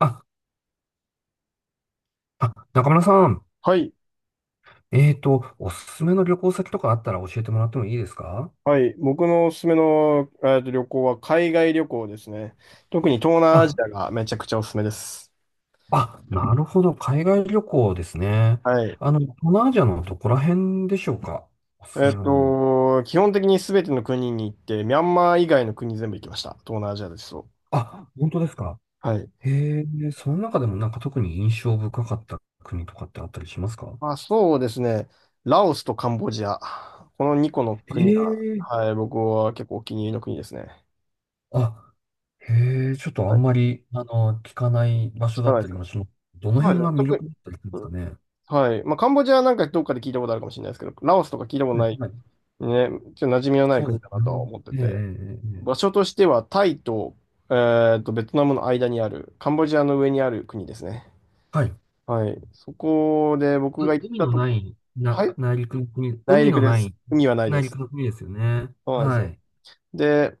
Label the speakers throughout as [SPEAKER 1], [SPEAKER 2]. [SPEAKER 1] あ、あ、中村さん、
[SPEAKER 2] はい。
[SPEAKER 1] おすすめの旅行先とかあったら教えてもらってもいいですか？
[SPEAKER 2] はい。僕のおすすめの、旅行は海外旅行ですね。特に東南アジ
[SPEAKER 1] あ、
[SPEAKER 2] アがめちゃくちゃおすすめです。
[SPEAKER 1] あ、なるほど、海外旅行ですね。
[SPEAKER 2] はい。
[SPEAKER 1] 東南アジアのどこら辺でしょうか？おすすめの。
[SPEAKER 2] 基本的に全ての国に行って、ミャンマー以外の国全部行きました。東南アジアですと。
[SPEAKER 1] あ、本当ですか？
[SPEAKER 2] はい。
[SPEAKER 1] へえ、その中でもなんか特に印象深かった国とかってあったりしますか？
[SPEAKER 2] まあ、そうですね。ラオスとカンボジア。この2個の
[SPEAKER 1] へ
[SPEAKER 2] 国が、
[SPEAKER 1] え、
[SPEAKER 2] はい、僕は結構お気に入りの国ですね。
[SPEAKER 1] あ、へえ、ちょっとあ
[SPEAKER 2] は
[SPEAKER 1] ん
[SPEAKER 2] い。
[SPEAKER 1] まり、聞かない場所
[SPEAKER 2] 聞
[SPEAKER 1] だ
[SPEAKER 2] か
[SPEAKER 1] っ
[SPEAKER 2] ないで
[SPEAKER 1] た
[SPEAKER 2] す
[SPEAKER 1] り
[SPEAKER 2] か？
[SPEAKER 1] もします。どの
[SPEAKER 2] そうで
[SPEAKER 1] 辺
[SPEAKER 2] すね。
[SPEAKER 1] が魅
[SPEAKER 2] 特に、
[SPEAKER 1] 力だったりするんで
[SPEAKER 2] う
[SPEAKER 1] すか
[SPEAKER 2] ん、
[SPEAKER 1] ね。
[SPEAKER 2] はい。まあ、カンボジアなんかどっかで聞いたことあるかもしれないですけど、ラオスとか聞いたこと
[SPEAKER 1] うん
[SPEAKER 2] ない
[SPEAKER 1] はい、
[SPEAKER 2] ね、ちょっと馴染みのない
[SPEAKER 1] そう
[SPEAKER 2] 国
[SPEAKER 1] で
[SPEAKER 2] だ
[SPEAKER 1] す
[SPEAKER 2] なとは
[SPEAKER 1] ね。
[SPEAKER 2] 思って
[SPEAKER 1] ええ、え
[SPEAKER 2] て、
[SPEAKER 1] え、え
[SPEAKER 2] 場
[SPEAKER 1] え
[SPEAKER 2] 所としてはタイと、えベトナムの間にある、カンボジアの上にある国ですね。
[SPEAKER 1] はい。
[SPEAKER 2] はい。そこで僕が行っ
[SPEAKER 1] 海
[SPEAKER 2] た
[SPEAKER 1] の
[SPEAKER 2] と
[SPEAKER 1] な
[SPEAKER 2] こ、
[SPEAKER 1] い、
[SPEAKER 2] はい。
[SPEAKER 1] 内陸の国、
[SPEAKER 2] 内
[SPEAKER 1] 海の
[SPEAKER 2] 陸で
[SPEAKER 1] な
[SPEAKER 2] す。
[SPEAKER 1] い、
[SPEAKER 2] 海はないで
[SPEAKER 1] 内陸
[SPEAKER 2] す。
[SPEAKER 1] の国ですよね。
[SPEAKER 2] そうなんです
[SPEAKER 1] は
[SPEAKER 2] よ。
[SPEAKER 1] い。
[SPEAKER 2] で、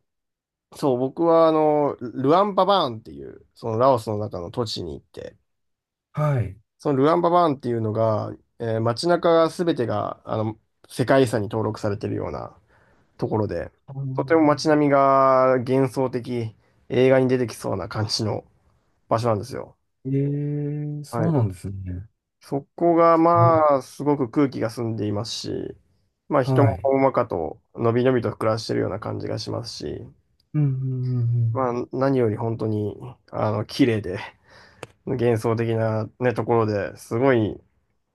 [SPEAKER 2] そう、僕はルアンババーンっていう、そのラオスの中の土地に行って、
[SPEAKER 1] はい。
[SPEAKER 2] そのルアンババーンっていうのが、街中が全てが、世界遺産に登録されてるような、ところで、
[SPEAKER 1] あー
[SPEAKER 2] とても街並みが幻想的、映画に出てきそうな感じの場所なんですよ。
[SPEAKER 1] ええ、
[SPEAKER 2] は
[SPEAKER 1] そ
[SPEAKER 2] い。
[SPEAKER 1] うなんですね。
[SPEAKER 2] そこが、
[SPEAKER 1] お、
[SPEAKER 2] まあ、すごく空気が澄んでいますし、まあ、人
[SPEAKER 1] は
[SPEAKER 2] も
[SPEAKER 1] い。
[SPEAKER 2] ほんわかと、のびのびと暮らしてるような感じがしますし、
[SPEAKER 1] うん、うん、うん。
[SPEAKER 2] まあ、何より本当に、綺麗で、幻想的なね、ところですごい、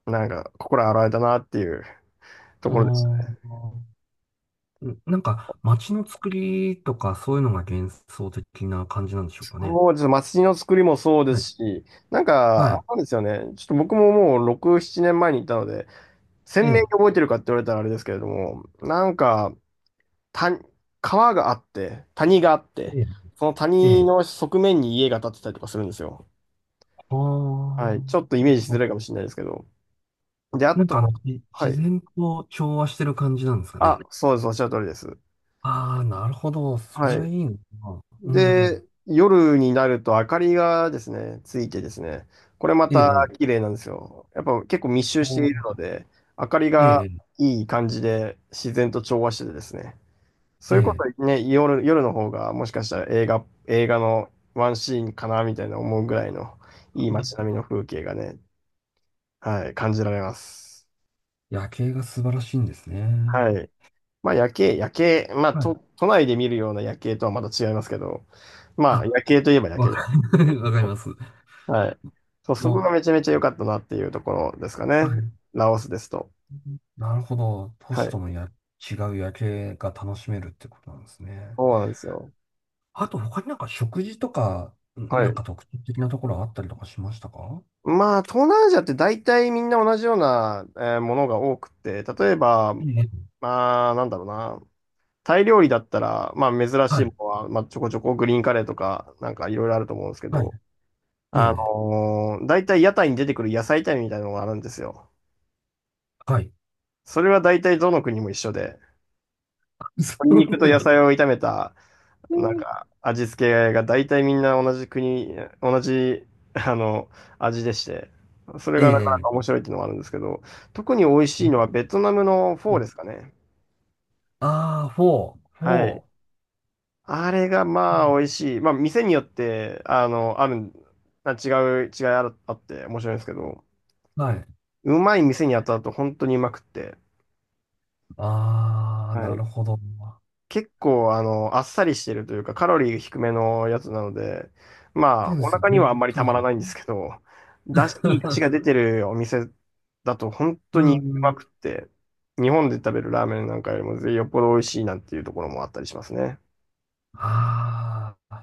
[SPEAKER 2] なんか、心洗われたなっていうところです。
[SPEAKER 1] うんああうん、なんか、街の作りとか、そういうのが幻想的な感じなんでしょうかね。
[SPEAKER 2] そうです。街の作りもそうで
[SPEAKER 1] はい。
[SPEAKER 2] すし、なん
[SPEAKER 1] は
[SPEAKER 2] か、あ
[SPEAKER 1] い。
[SPEAKER 2] れなんですよね。ちょっと僕ももう6、7年前に行ったので、鮮
[SPEAKER 1] え
[SPEAKER 2] 明に
[SPEAKER 1] え、
[SPEAKER 2] 覚えてるかって言われたらあれですけれども、なんか、た、川があって、谷があって、
[SPEAKER 1] ええ、
[SPEAKER 2] その
[SPEAKER 1] え
[SPEAKER 2] 谷
[SPEAKER 1] え。
[SPEAKER 2] の側面に家が建ってたりとかするんですよ。
[SPEAKER 1] あ
[SPEAKER 2] はい。ち
[SPEAKER 1] あ。
[SPEAKER 2] ょっとイメージしづらいかもしれないですけど。で、あ
[SPEAKER 1] なんか
[SPEAKER 2] と、
[SPEAKER 1] じ
[SPEAKER 2] は
[SPEAKER 1] 自
[SPEAKER 2] い。
[SPEAKER 1] 然と調和してる感じなんですか
[SPEAKER 2] あ、
[SPEAKER 1] ね。
[SPEAKER 2] そうです。おっしゃる通りです。
[SPEAKER 1] ああ、なるほど。そ
[SPEAKER 2] は
[SPEAKER 1] れは
[SPEAKER 2] い。
[SPEAKER 1] いいのかな。う
[SPEAKER 2] で、
[SPEAKER 1] ん。
[SPEAKER 2] 夜になると明かりがですね、ついてですね、これま
[SPEAKER 1] え
[SPEAKER 2] た
[SPEAKER 1] え、
[SPEAKER 2] 綺麗なんですよ。やっぱ結構密集して
[SPEAKER 1] ほ
[SPEAKER 2] いる
[SPEAKER 1] う
[SPEAKER 2] ので、明かりが
[SPEAKER 1] え
[SPEAKER 2] いい感じで自然と調和しててですね、そ
[SPEAKER 1] え、
[SPEAKER 2] う
[SPEAKER 1] え
[SPEAKER 2] いうこ
[SPEAKER 1] え。
[SPEAKER 2] とね、夜の方がもしかしたら映画のワンシーンかなみたいな思うぐらいのいい
[SPEAKER 1] ほう
[SPEAKER 2] 街並みの風景がね、はい、感じられます。
[SPEAKER 1] 夜景が素晴らしいんですね。
[SPEAKER 2] はい。まあ夜景、まあ
[SPEAKER 1] はい。
[SPEAKER 2] 都内で見るような夜景とはまた違いますけど、まあ
[SPEAKER 1] あ、
[SPEAKER 2] 夜景といえば夜
[SPEAKER 1] わ
[SPEAKER 2] 景。
[SPEAKER 1] かり、わかります。
[SPEAKER 2] はい。そう、そこ
[SPEAKER 1] も
[SPEAKER 2] がめちゃめちゃ良かったなっていうところですか
[SPEAKER 1] う、は
[SPEAKER 2] ね。
[SPEAKER 1] い。
[SPEAKER 2] ラオスですと。
[SPEAKER 1] なるほど。都
[SPEAKER 2] は
[SPEAKER 1] 市
[SPEAKER 2] い。
[SPEAKER 1] との違う夜景が楽しめるってことなんですね。
[SPEAKER 2] そうなんですよ。
[SPEAKER 1] あと、他になんか食事とか、
[SPEAKER 2] は
[SPEAKER 1] なん
[SPEAKER 2] い。
[SPEAKER 1] か特徴的なところあったりとかしましたか？
[SPEAKER 2] まあ、東南アジアって大体みんな同じような、ものが多くて、例えば、
[SPEAKER 1] ええ。
[SPEAKER 2] まあ、なんだろうな。タイ料理だったら、まあ、珍
[SPEAKER 1] は
[SPEAKER 2] しい
[SPEAKER 1] い。
[SPEAKER 2] ものは、まあ、ちょこちょこグリーンカレーとか、なんかいろいろあると思うんですけ
[SPEAKER 1] はい。
[SPEAKER 2] ど、
[SPEAKER 1] ええ。
[SPEAKER 2] 大体屋台に出てくる野菜炒めみたいなのがあるんですよ。
[SPEAKER 1] はい。
[SPEAKER 2] それは大体どの国も一緒で、
[SPEAKER 1] そ
[SPEAKER 2] 鶏
[SPEAKER 1] う
[SPEAKER 2] 肉と
[SPEAKER 1] なん
[SPEAKER 2] 野
[SPEAKER 1] だ。
[SPEAKER 2] 菜を炒めた、なんか、味付けが大体みんな同じ、あの、味でして、それがなかな
[SPEAKER 1] え
[SPEAKER 2] か面白いっていうのもあるんですけど、特に美味しいのはベトナムのフ
[SPEAKER 1] え。
[SPEAKER 2] ォーですかね。
[SPEAKER 1] ああ、フォー、フ
[SPEAKER 2] はい。
[SPEAKER 1] ォ
[SPEAKER 2] あれがまあ美味しい。まあ店によって、あるん、あ違う、違いあるあって面白いんですけど、
[SPEAKER 1] ーはい。
[SPEAKER 2] うまい店に当たると本当にうまくって。
[SPEAKER 1] ああ、
[SPEAKER 2] は
[SPEAKER 1] な
[SPEAKER 2] い、
[SPEAKER 1] るほど。
[SPEAKER 2] 結構、あっさりしてるというか、カロリー低めのやつなので、ま
[SPEAKER 1] そ
[SPEAKER 2] あ、
[SPEAKER 1] うで
[SPEAKER 2] お
[SPEAKER 1] すよ
[SPEAKER 2] 腹には
[SPEAKER 1] ね。
[SPEAKER 2] あんまり
[SPEAKER 1] そ
[SPEAKER 2] た
[SPEAKER 1] う
[SPEAKER 2] ま
[SPEAKER 1] です
[SPEAKER 2] ら
[SPEAKER 1] ね。
[SPEAKER 2] ないんですけど、だし、いい出汁が出 てるお店だと本当
[SPEAKER 1] う
[SPEAKER 2] にう
[SPEAKER 1] ん
[SPEAKER 2] ま
[SPEAKER 1] うん。
[SPEAKER 2] くって、日本で食べるラーメンなんかよりもよっぽど美味しいなんていうところもあったりしますね。
[SPEAKER 1] ああ、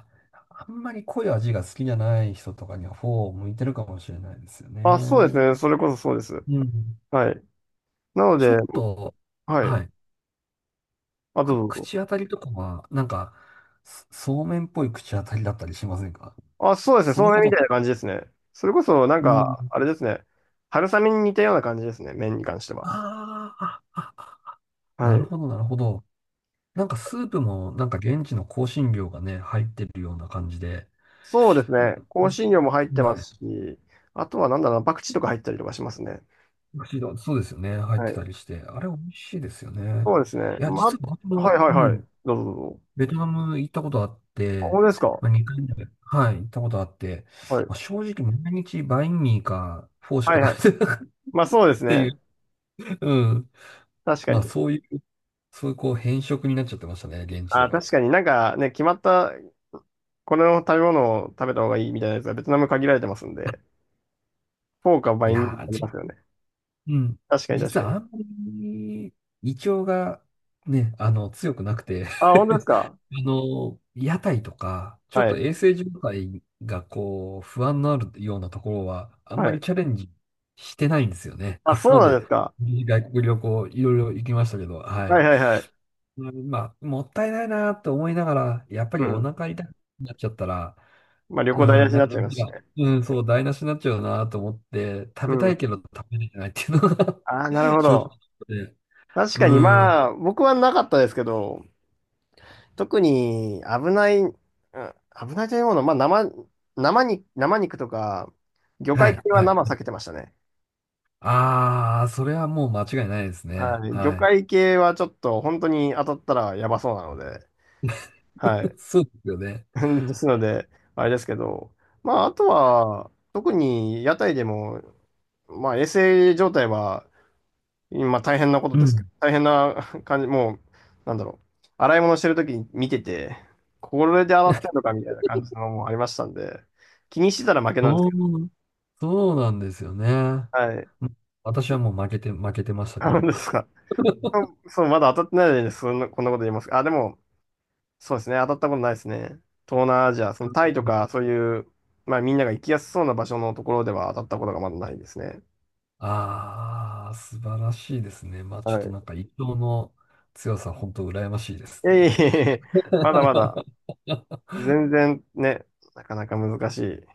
[SPEAKER 1] あんまり濃い味が好きじゃない人とかにはフォーを向いてるかもしれないですよ
[SPEAKER 2] あ、そうです
[SPEAKER 1] ね。
[SPEAKER 2] ね。それこそそうです。
[SPEAKER 1] うん。
[SPEAKER 2] はい。なの
[SPEAKER 1] ちょ
[SPEAKER 2] で、
[SPEAKER 1] っと、
[SPEAKER 2] はい。
[SPEAKER 1] はい。
[SPEAKER 2] あ、どうぞどうぞ。
[SPEAKER 1] 口当たりとかは、なんか、そうめんっぽい口当たりだったりしませんか？
[SPEAKER 2] あ、そうですね。
[SPEAKER 1] そ
[SPEAKER 2] そ
[SPEAKER 1] の
[SPEAKER 2] うめ
[SPEAKER 1] こ
[SPEAKER 2] んみ
[SPEAKER 1] と。
[SPEAKER 2] たいな感じですね。それこそ、なん
[SPEAKER 1] うん。
[SPEAKER 2] か、あれですね。春雨に似たような感じですね。麺に関しては。
[SPEAKER 1] あーあ、あ、あな
[SPEAKER 2] は
[SPEAKER 1] る
[SPEAKER 2] い。
[SPEAKER 1] ほど、なるほど。なんかスープもなんか現地の香辛料がね、入ってるような感じで、
[SPEAKER 2] そうです
[SPEAKER 1] う
[SPEAKER 2] ね。
[SPEAKER 1] ん、
[SPEAKER 2] 香辛料も入っ
[SPEAKER 1] うん
[SPEAKER 2] てま
[SPEAKER 1] は
[SPEAKER 2] す
[SPEAKER 1] い。
[SPEAKER 2] し、あとはなんだろうな、パクチーとか入ったりとかしますね。
[SPEAKER 1] 美味しいのそうですよね。入っ
[SPEAKER 2] は
[SPEAKER 1] て
[SPEAKER 2] い。
[SPEAKER 1] たりして。あれ美味しいですよね。
[SPEAKER 2] そうですね。
[SPEAKER 1] いや、
[SPEAKER 2] ま、
[SPEAKER 1] 実は僕
[SPEAKER 2] はい
[SPEAKER 1] も、
[SPEAKER 2] はい
[SPEAKER 1] う
[SPEAKER 2] はい。
[SPEAKER 1] ん、
[SPEAKER 2] どうぞどうぞ。
[SPEAKER 1] ベトナム行ったことあっ
[SPEAKER 2] あ、
[SPEAKER 1] て、
[SPEAKER 2] 本当ですか？
[SPEAKER 1] まあ、2回はい、行ったことあって、
[SPEAKER 2] はい。
[SPEAKER 1] まあ、正直毎日バインミーかフォーし
[SPEAKER 2] はいは
[SPEAKER 1] か
[SPEAKER 2] い。
[SPEAKER 1] 食べてなかったっ
[SPEAKER 2] まあそうです
[SPEAKER 1] てい
[SPEAKER 2] ね。
[SPEAKER 1] う、うん。
[SPEAKER 2] 確か
[SPEAKER 1] まあ
[SPEAKER 2] に。
[SPEAKER 1] そういうこう変色になっちゃってましたね、現地で
[SPEAKER 2] あ、確
[SPEAKER 1] は。
[SPEAKER 2] かになんかね、決まった、この食べ物を食べた方がいいみたいなやつがベトナム限られてますんで、フォーかバ
[SPEAKER 1] い
[SPEAKER 2] インミー
[SPEAKER 1] や
[SPEAKER 2] ありま
[SPEAKER 1] ー、
[SPEAKER 2] すよね。
[SPEAKER 1] うん。
[SPEAKER 2] 確かに確
[SPEAKER 1] 実
[SPEAKER 2] か
[SPEAKER 1] はあ
[SPEAKER 2] に。
[SPEAKER 1] んまり胃腸がね、強くなくて
[SPEAKER 2] あ、本当です か？
[SPEAKER 1] 屋台とか、ちょっ
[SPEAKER 2] は
[SPEAKER 1] と
[SPEAKER 2] い。
[SPEAKER 1] 衛生状態がこう、不安のあるようなところは、あん
[SPEAKER 2] は
[SPEAKER 1] まり
[SPEAKER 2] い。
[SPEAKER 1] チャレンジしてないんですよね。
[SPEAKER 2] あ、
[SPEAKER 1] これ
[SPEAKER 2] そう
[SPEAKER 1] ま
[SPEAKER 2] なんで
[SPEAKER 1] で
[SPEAKER 2] すか？
[SPEAKER 1] 外国旅行いろいろ行きましたけど、は
[SPEAKER 2] はい
[SPEAKER 1] い。
[SPEAKER 2] はいはい。
[SPEAKER 1] うんまあ、もったいないなと思いながら、やっぱ
[SPEAKER 2] う
[SPEAKER 1] りお
[SPEAKER 2] ん。
[SPEAKER 1] 腹痛くなっちゃったら、
[SPEAKER 2] まあ旅
[SPEAKER 1] う
[SPEAKER 2] 行台無
[SPEAKER 1] ん、
[SPEAKER 2] しに
[SPEAKER 1] なん
[SPEAKER 2] なっ
[SPEAKER 1] か、
[SPEAKER 2] ちゃ
[SPEAKER 1] な
[SPEAKER 2] い
[SPEAKER 1] ん
[SPEAKER 2] ますし
[SPEAKER 1] か
[SPEAKER 2] ね。
[SPEAKER 1] うん、そう、台無しになっちゃうなと思って、食
[SPEAKER 2] う
[SPEAKER 1] べたい
[SPEAKER 2] ん。
[SPEAKER 1] けど食べれてないっていうのが
[SPEAKER 2] ああ、なる ほ
[SPEAKER 1] 正直
[SPEAKER 2] ど。
[SPEAKER 1] で、
[SPEAKER 2] 確
[SPEAKER 1] う
[SPEAKER 2] かに
[SPEAKER 1] ん、は
[SPEAKER 2] まあ、僕はなかったですけど、特に危ない、危ないというものは、まあ生、生に、生肉とか、魚
[SPEAKER 1] い、
[SPEAKER 2] 介系は
[SPEAKER 1] は
[SPEAKER 2] 生避
[SPEAKER 1] い。
[SPEAKER 2] けてましたね。
[SPEAKER 1] ああ、それはもう間違いないですね。
[SPEAKER 2] はい。魚
[SPEAKER 1] はい。
[SPEAKER 2] 介系はちょっと本当に当たったらやばそうなので、はい。
[SPEAKER 1] そうですよね。
[SPEAKER 2] ですので、あれですけど、まあ、あとは、特に屋台でも、まあ、衛生状態は今大変なこと
[SPEAKER 1] う
[SPEAKER 2] ですけど、
[SPEAKER 1] ん。
[SPEAKER 2] 大変な 感じ、もう、なんだろう。洗い物してるときに見てて、これで洗ってんのかみたいな感じのもありましたんで、気にしてたら負けなんです
[SPEAKER 1] そう、
[SPEAKER 2] けど。
[SPEAKER 1] そうなんですよね。
[SPEAKER 2] はい。
[SPEAKER 1] うん私はもう負けてましたけ
[SPEAKER 2] あの
[SPEAKER 1] ど。
[SPEAKER 2] ですか。そう、そうまだ当たってないのにね、そんな、こんなこと言いますか。あ、でも、そうですね。当たったことないですね。東南アジア、そのタイとか、そういう、まあみんなが行きやすそうな場所のところでは当たったことがまだないですね。
[SPEAKER 1] ああー、素晴らしいですね。まあちょ
[SPEAKER 2] は
[SPEAKER 1] っと
[SPEAKER 2] い。
[SPEAKER 1] なんか一生の強さ、本当羨ましいです
[SPEAKER 2] いえ
[SPEAKER 1] ね。
[SPEAKER 2] いえいえ、まだまだ、全然ね、なかなか難しい。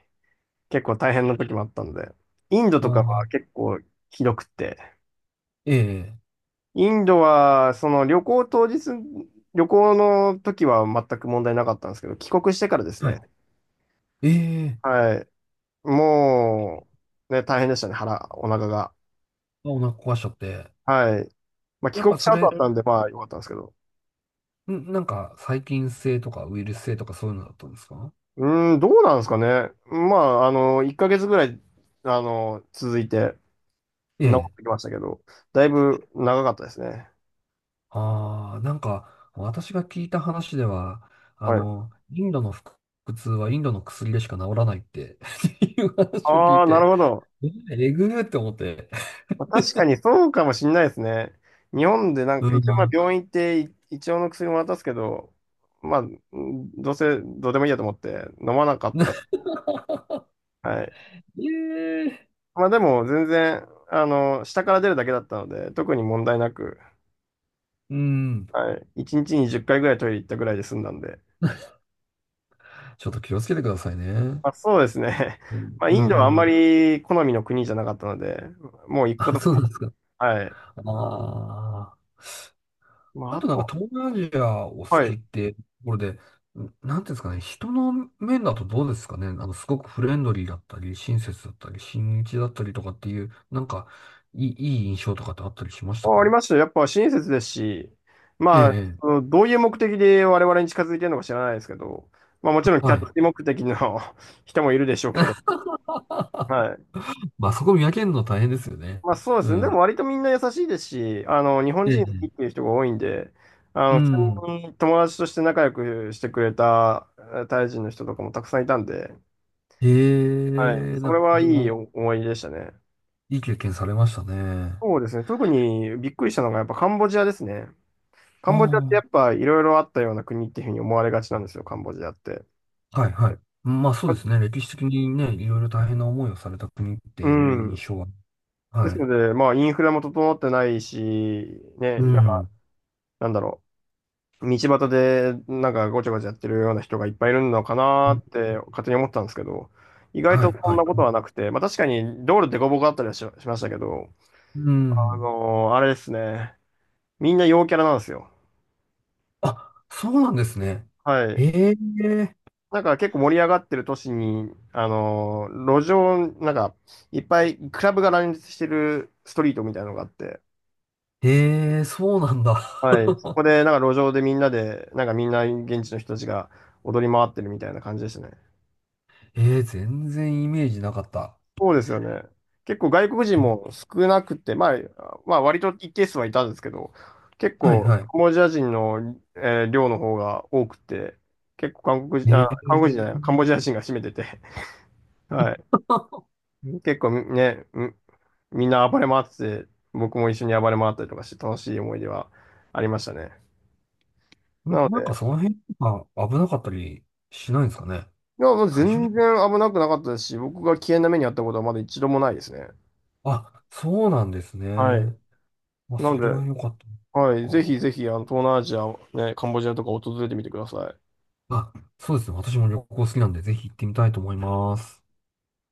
[SPEAKER 2] 結構大変な時もあったんで、インド
[SPEAKER 1] あ
[SPEAKER 2] とかは
[SPEAKER 1] ー
[SPEAKER 2] 結構ひどくて、
[SPEAKER 1] ええ、
[SPEAKER 2] インドはその旅行当日、旅行の時は全く問題なかったんですけど、帰国してからです
[SPEAKER 1] は
[SPEAKER 2] ね、
[SPEAKER 1] い。ええ、
[SPEAKER 2] はい、もう、ね、大変でしたね、お腹が。
[SPEAKER 1] あお腹壊しちゃって。
[SPEAKER 2] はい。まあ、帰
[SPEAKER 1] やっ
[SPEAKER 2] 国
[SPEAKER 1] ぱ
[SPEAKER 2] し
[SPEAKER 1] そ
[SPEAKER 2] た後
[SPEAKER 1] れ、
[SPEAKER 2] だったんで、まあ、良かったんですけど。
[SPEAKER 1] なんか細菌性とかウイルス性とかそういうのだったんですか？
[SPEAKER 2] うーん、どうなんですかね。まあ、1ヶ月ぐらい、続いて、
[SPEAKER 1] え
[SPEAKER 2] 治っ
[SPEAKER 1] え。
[SPEAKER 2] てきましたけど、だいぶ長かったですね。
[SPEAKER 1] ああ、なんか私が聞いた話では、
[SPEAKER 2] はい。
[SPEAKER 1] インドの腹痛はインドの薬でしか治らないって っていう話を聞
[SPEAKER 2] あ
[SPEAKER 1] い
[SPEAKER 2] あ、なる
[SPEAKER 1] て、
[SPEAKER 2] ほど。
[SPEAKER 1] えええぐーって思って。
[SPEAKER 2] まあ確かにそうかもしんないですね。日本でなん
[SPEAKER 1] う
[SPEAKER 2] か、一応まあ
[SPEAKER 1] ん。
[SPEAKER 2] 病院行ってい一応の薬も渡すけど、まあ、どうせどうでもいいやと思って飲まなかった。はい。
[SPEAKER 1] ええ、
[SPEAKER 2] まあでも全然、下から出るだけだったので、特に問題なく、
[SPEAKER 1] うん。
[SPEAKER 2] はい。1日に10回ぐらいトイレ行ったぐらいで済んだんで。
[SPEAKER 1] ちょっと気をつけてくださいね。
[SPEAKER 2] まあそうですね。
[SPEAKER 1] う ん。
[SPEAKER 2] まあインドはあん
[SPEAKER 1] う
[SPEAKER 2] ま
[SPEAKER 1] ん
[SPEAKER 2] り好みの国じゃなかったので、もう行くこ
[SPEAKER 1] あ、
[SPEAKER 2] とも
[SPEAKER 1] そう
[SPEAKER 2] な
[SPEAKER 1] な
[SPEAKER 2] い。
[SPEAKER 1] んですか。
[SPEAKER 2] はい。
[SPEAKER 1] ああ。
[SPEAKER 2] まあ
[SPEAKER 1] あ
[SPEAKER 2] あ
[SPEAKER 1] となんか
[SPEAKER 2] と、
[SPEAKER 1] 東南アジアお好
[SPEAKER 2] は
[SPEAKER 1] き
[SPEAKER 2] い。
[SPEAKER 1] ってところで、なんていうんですかね、人の面だとどうですかね、すごくフレンドリーだったり、親切だったり、親日だったりとかっていう、なんか、いい、いい印象とかってあったりしました
[SPEAKER 2] あ、あり
[SPEAKER 1] か？
[SPEAKER 2] ますよ。やっぱ親切ですし、
[SPEAKER 1] ええ、え
[SPEAKER 2] まあ、
[SPEAKER 1] え、
[SPEAKER 2] そのどういう目的で我々に近づいてるのか知らないですけど、まあもちろんキ
[SPEAKER 1] は
[SPEAKER 2] ャ
[SPEAKER 1] い。
[SPEAKER 2] ッチ目的の 人もいるでしょうけど、はい。
[SPEAKER 1] まあそこ見分けるの大変ですよね。
[SPEAKER 2] まあそうで
[SPEAKER 1] う
[SPEAKER 2] すね。で
[SPEAKER 1] ん。
[SPEAKER 2] も割とみんな優しいですし、日本
[SPEAKER 1] え
[SPEAKER 2] 人好き
[SPEAKER 1] え、
[SPEAKER 2] っていう人が多いんで、
[SPEAKER 1] う
[SPEAKER 2] 普通
[SPEAKER 1] ん。
[SPEAKER 2] に友達として仲良くしてくれたタイ人の人とかもたくさんいたんで、
[SPEAKER 1] え
[SPEAKER 2] はい。
[SPEAKER 1] え、
[SPEAKER 2] そ
[SPEAKER 1] なん
[SPEAKER 2] れ
[SPEAKER 1] かこ
[SPEAKER 2] はい
[SPEAKER 1] れ
[SPEAKER 2] い
[SPEAKER 1] は
[SPEAKER 2] 思い出でしたね。
[SPEAKER 1] いい経験されましたね。
[SPEAKER 2] そうですね。特にびっくりしたのがやっぱカンボジアですね。カ
[SPEAKER 1] あ
[SPEAKER 2] ンボジアってやっ
[SPEAKER 1] あ。
[SPEAKER 2] ぱいろいろあったような国っていうふうに思われがちなんですよ、カンボジアって。
[SPEAKER 1] はいはい。まあそうですね。歴史的にね、いろいろ大変な思いをされた国って
[SPEAKER 2] う
[SPEAKER 1] いう
[SPEAKER 2] ん。
[SPEAKER 1] 印象は。
[SPEAKER 2] です
[SPEAKER 1] はい。
[SPEAKER 2] ので、まあ、インフラも整ってないし、
[SPEAKER 1] う
[SPEAKER 2] ね、なんか、
[SPEAKER 1] ん。
[SPEAKER 2] なんだろう、道端でなんかごちゃごちゃやってるような人がいっぱいいるのかなーって勝手に思ってたんですけど、意外
[SPEAKER 1] はい
[SPEAKER 2] とそん
[SPEAKER 1] は
[SPEAKER 2] な
[SPEAKER 1] い。
[SPEAKER 2] ことはなくて、まあ確かに道路でこぼこあったりはしましたけど、
[SPEAKER 1] うん。
[SPEAKER 2] あれですね、みんな陽キャラなんですよ。
[SPEAKER 1] あ、そうなんですね。
[SPEAKER 2] はい。
[SPEAKER 1] ええ
[SPEAKER 2] なんか結構盛り上がってる都市に、路上、なんか、いっぱいクラブが乱立してるストリートみたいなのがあって、
[SPEAKER 1] ええそうなんだ。
[SPEAKER 2] はい、そこ でなんか路上でみんなで、なんかみんな現地の人たちが踊り回ってるみたいな感じでしたね。
[SPEAKER 1] ええ全然イメージなかった。
[SPEAKER 2] そうですよね。結構外国人も少なくて、まあ、まあ割と一定数はいたんですけど、結
[SPEAKER 1] はい
[SPEAKER 2] 構
[SPEAKER 1] は
[SPEAKER 2] カンボジア人の、量の方が多くて、結構韓国
[SPEAKER 1] い。
[SPEAKER 2] 人、あ、
[SPEAKER 1] ええ
[SPEAKER 2] 韓国人じゃない、カンボジア人が占めてて、はい。結構ね、みんな暴れ回ってて、僕も一緒に暴れ回ったりとかして楽しい思い出はありましたね。なの
[SPEAKER 1] なん
[SPEAKER 2] で、
[SPEAKER 1] かその辺とか危なかったりしないんですかね？
[SPEAKER 2] いや、もう
[SPEAKER 1] 大丈
[SPEAKER 2] 全
[SPEAKER 1] 夫
[SPEAKER 2] 然危なくなかったですし、僕が危険な目に遭ったことはまだ一度もないですね。
[SPEAKER 1] あ、そうなんです
[SPEAKER 2] はい。
[SPEAKER 1] ね。まあ、
[SPEAKER 2] なの
[SPEAKER 1] それは
[SPEAKER 2] で、
[SPEAKER 1] 良かった。
[SPEAKER 2] はい、ぜひぜひ、東南アジア、ね、カンボジアとか訪れてみてください。
[SPEAKER 1] あ、そうですね。私も旅行好きなんで、ぜひ行ってみたいと思います。